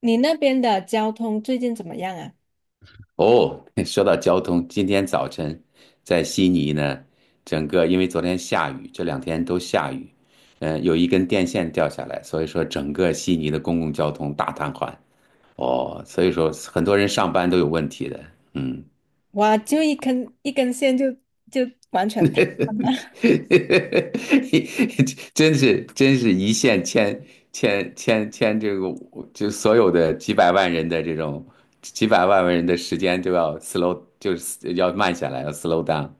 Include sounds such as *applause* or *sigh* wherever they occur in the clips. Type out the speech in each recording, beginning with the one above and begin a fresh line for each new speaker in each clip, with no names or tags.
你那边的交通最近怎么样啊？
哦，*laughs* 说到交通，今天早晨在悉尼呢，整个因为昨天下雨，这两天都下雨，有一根电线掉下来，所以说整个悉尼的公共交通大瘫痪。哦，所以说很多人上班都有问题的。嗯。
哇，就一根一根线就完全
*laughs*
瘫了。*laughs*
真是一线牵这个，就所有的几百万人的这种几百万人的时间都要 slow，就是要慢下来，要 slow down。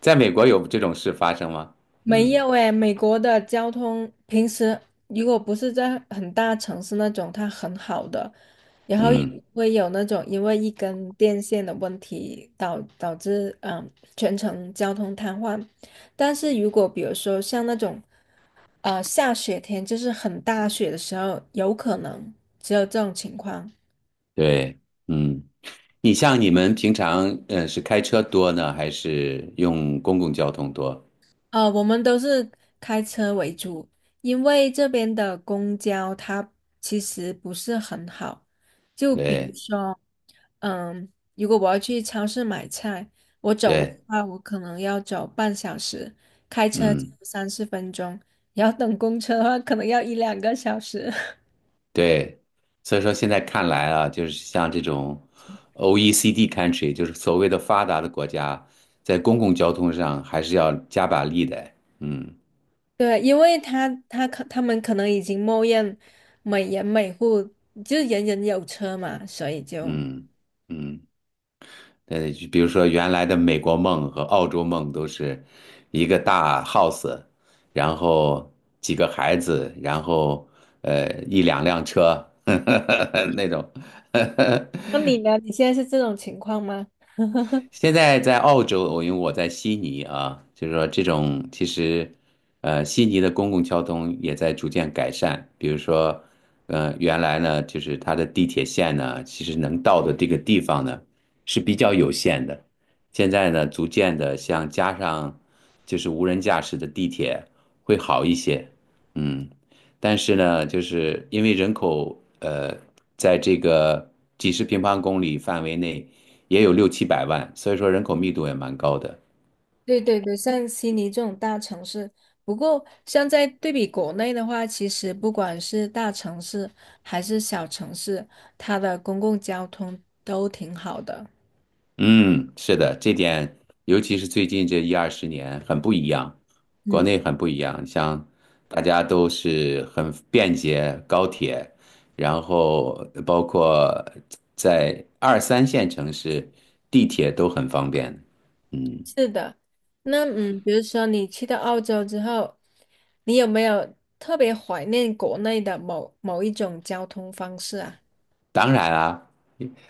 在美国有这种事发生吗？
没
嗯
有诶，美国的交通平时如果不是在很大城市那种，它很好的，然后也
嗯，
不会有那种因为一根电线的问题导致全程交通瘫痪。但是如果比如说像那种下雪天，就是很大雪的时候，有可能只有这种情况。
对，嗯，你像你们平常是开车多呢，还是用公共交通多？
我们都是开车为主，因为这边的公交它其实不是很好。就比如
对
说，嗯，如果我要去超市买菜，我走路的
对，
话，我可能要走半小时，开车
嗯。
三四分钟，然后等公车的话，可能要一两个小时。*laughs*
对，所以说现在看来啊，就是像这种 OECD country,就是所谓的发达的国家，在公共交通上还是要加把力的。嗯
对，因为他们可能已经默认每人每户就是人人有车嘛，所以就。
嗯嗯，就比如说原来的美国梦和澳洲梦都是一个大 house,然后几个孩子，然后一两辆车 *laughs* 那种。 *laughs*
那你呢？你现在是这种情况吗？
现在在澳洲，我因为我在悉尼啊，就是说这种其实，呃，悉尼的公共交通也在逐渐改善。比如说，呃，原来呢，就是它的地铁线呢，其实能到的这个地方呢是比较有限的。现在呢，逐渐的像加上就是无人驾驶的地铁会好一些，嗯。但是呢，就是因为人口在这个几十平方公里范围内。也有六七百万，所以说人口密度也蛮高的。
对对对，像悉尼这种大城市，不过像在对比国内的话，其实不管是大城市还是小城市，它的公共交通都挺好的。
嗯，是的，这点尤其是最近这一二十年很不一样，国
嗯，
内很不一样，像大家都是很便捷高铁，然后包括在二三线城市，地铁都很方便。嗯。
是的，那比如说你去到澳洲之后，你有没有特别怀念国内的某某一种交通方式啊？
当然啊，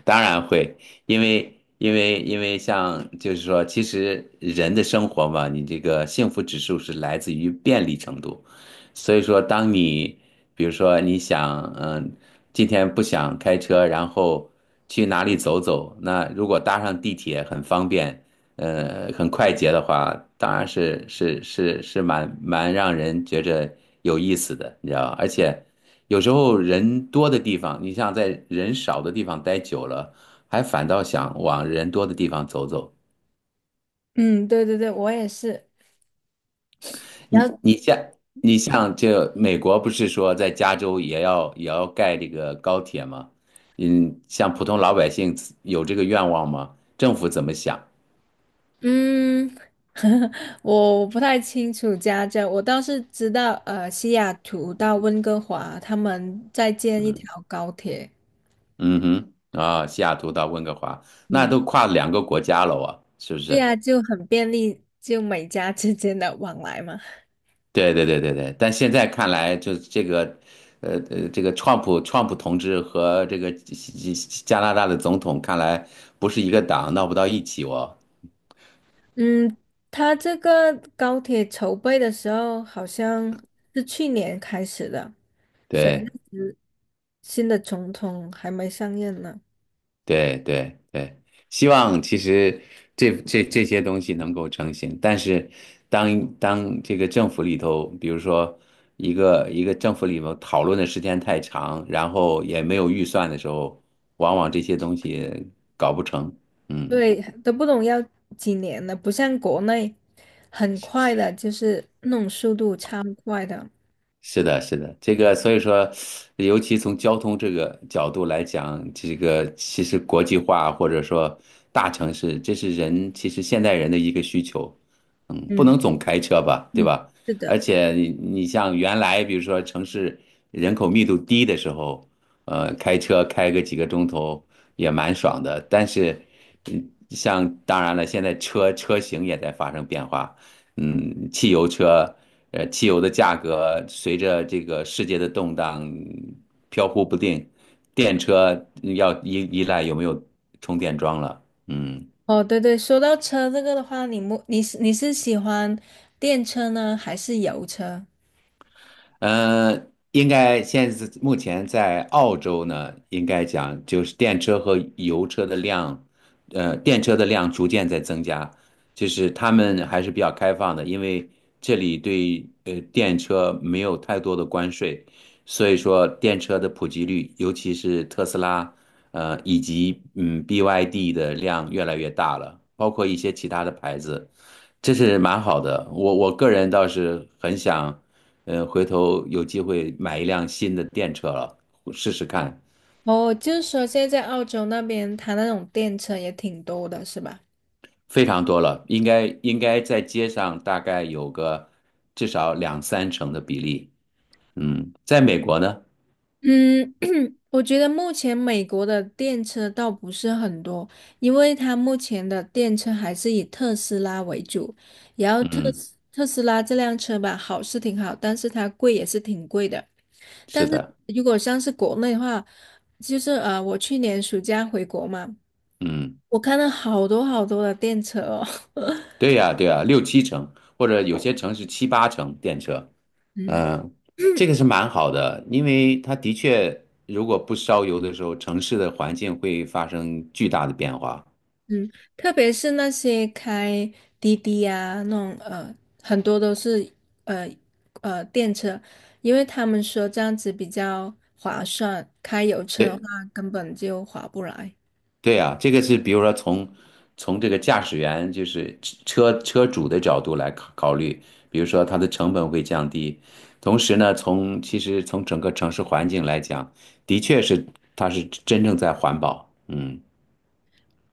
当然会，因为像就是说，其实人的生活嘛，你这个幸福指数是来自于便利程度，所以说，当你比如说你想，嗯，今天不想开车，然后去哪里走走，那如果搭上地铁很方便，呃，很快捷的话，当然是蛮让人觉着有意思的，你知道吧？而且有时候人多的地方，你像在人少的地方待久了，还反倒想往人多的地方走走。
嗯，对对对，我也是。
你你像你像这美国不是说在加州也要盖这个高铁吗？嗯，像普通老百姓有这个愿望吗？政府怎么想？
嗯，*laughs* 我不太清楚家政，我倒是知道，西雅图到温哥华，他们在建一
嗯
条高铁，
嗯哼啊，西雅图到温哥华，那
嗯，
都跨两个国家了啊，是不
对
是？
呀，就很便利，就美加之间的往来嘛。
对对对对对，但现在看来，就是这个，这个川普同志和这个加拿大的总统，看来不是一个党，闹不到一起哦。
嗯，他这个高铁筹备的时候好像是去年开始的，所
对
以新的总统还没上任呢。
对对对，希望其实这些东西能够成型，但是当这个政府里头，比如说一个政府里头讨论的时间太长，然后也没有预算的时候，往往这些东西搞不成。嗯。
对，都不懂要几年了，不像国内很快的，就是那种速度超快的。
是的，是的，这个所以说，尤其从交通这个角度来讲，这个其实国际化或者说大城市，这是人其实现代人的一个需求，嗯，不
嗯
能总开车吧，对
嗯，
吧？
是的。
而且你你像原来比如说城市人口密度低的时候，呃，开车开个几个钟头也蛮爽的，但是，嗯，像当然了，现在车型也在发生变化。嗯，汽油车，呃，汽油的价格随着这个世界的动荡飘忽不定，电车要依赖有没有充电桩了。嗯，
哦，对对，说到车这个的话，你是喜欢电车呢，还是油车？
呃，应该现在目前在澳洲呢，应该讲就是电车和油车的量，呃，电车的量逐渐在增加，就是他们还是比较开放的，因为这里对电车没有太多的关税，所以说电车的普及率，尤其是特斯拉，呃，以及BYD 的量越来越大了，包括一些其他的牌子。这是蛮好的。我个人倒是很想，呃，回头有机会买一辆新的电车了，试试看。
哦，就是说现在在澳洲那边，它那种电车也挺多的，是吧？
非常多了，应该在街上大概有个至少两三成的比例。嗯，在美国呢，
嗯，我觉得目前美国的电车倒不是很多，因为它目前的电车还是以特斯拉为主。然后特
嗯，
斯特斯拉这辆车吧，好是挺好，但是它贵也是挺贵的。但
是
是
的，
如果像是国内的话，就是我去年暑假回国嘛，
嗯，
我看到好多好多的电车哦。*laughs*
对呀，对呀，六七成，或者有些城市七八成电车。
嗯
嗯，这个是蛮好的，因为它的确，如果不烧油的时候，城市的环境会发生巨大的变化。
嗯，特别是那些开滴滴啊，那种很多都是呃电车，因为他们说这样子比较划算，开油车的话
对。
根本就划不来，
对啊，这个是比如说从这个驾驶员就是车主的角度来考虑，比如说它的成本会降低，同时呢，从其实从整个城市环境来讲，的确是它是真正在环保，嗯。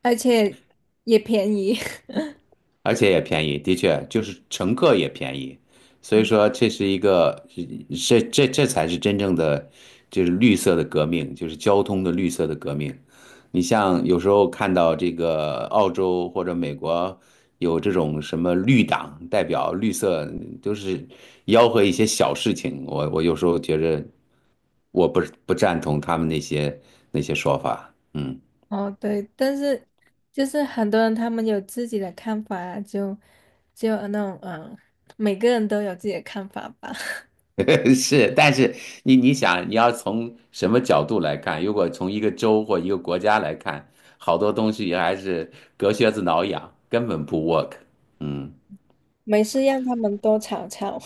而且也便宜。*laughs*
而且也便宜，的确就是乘客也便宜，所以说这是一个，这才是真正的，就是绿色的革命，就是交通的绿色的革命。你像有时候看到这个澳洲或者美国有这种什么绿党代表，绿色都是吆喝一些小事情，我有时候觉着我不不赞同他们那些那些说法，嗯。
哦，对，但是就是很多人他们有自己的看法啊，就那种每个人都有自己的看法吧，*laughs*
*laughs* 是，但是你想，你要从什么角度来看？如果从一个州或一个国家来看，好多东西还是隔靴子挠痒，根本不 work。嗯，
没事让他们多吵吵。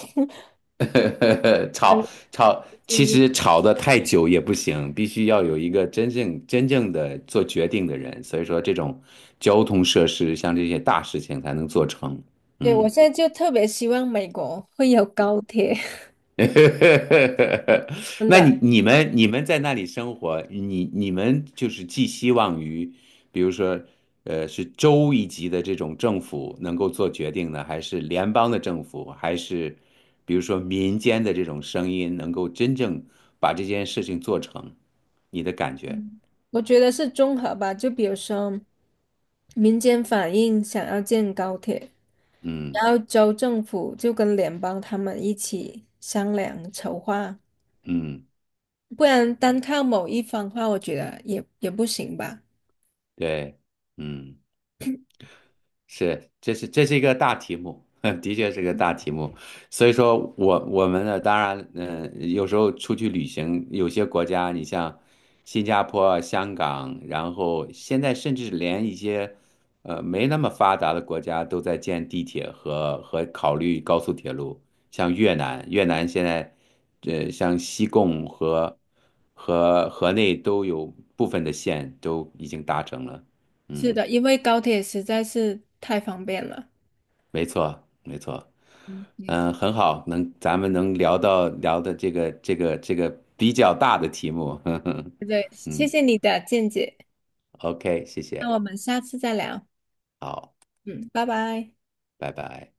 *laughs* 吵
*laughs*
吵，其实吵得太久也不行，必须要有一个真正的做决定的人。所以说，这种交通设施像这些大事情才能做成。
对，我
嗯。
现在就特别希望美国会有高铁，*laughs*
*laughs*
真
那
的，
你们在那里生活，你们就是寄希望于，比如说，呃，是州一级的这种政府能够做决定呢，还是联邦的政府，还是比如说民间的这种声音能够真正把这件事情做成？你的感觉？
我觉得是综合吧，就比如说民间反映想要建高铁，
嗯
然后州政府就跟联邦他们一起商量筹划，
嗯，
不然单靠某一方的话，我觉得也不行吧。
对，嗯。是，这是一个大题目，*laughs* 的确是个大题目。所以说我们呢，当然，有时候出去旅行，有些国家，你像新加坡、香港，然后现在甚至连一些没那么发达的国家都在建地铁和考虑高速铁路，像越南，越南现在像西贡和河内都有部分的线都已经达成了，
是
嗯。
的，因为高铁实在是太方便了。
没错，没错，
嗯，对，
嗯，很好，能咱们能聊到聊的这个比较大的题目，
对
*laughs*
谢
嗯
谢你的见解，
，OK,谢
那
谢，
我们下次再聊。
好，
嗯，拜拜。
拜拜。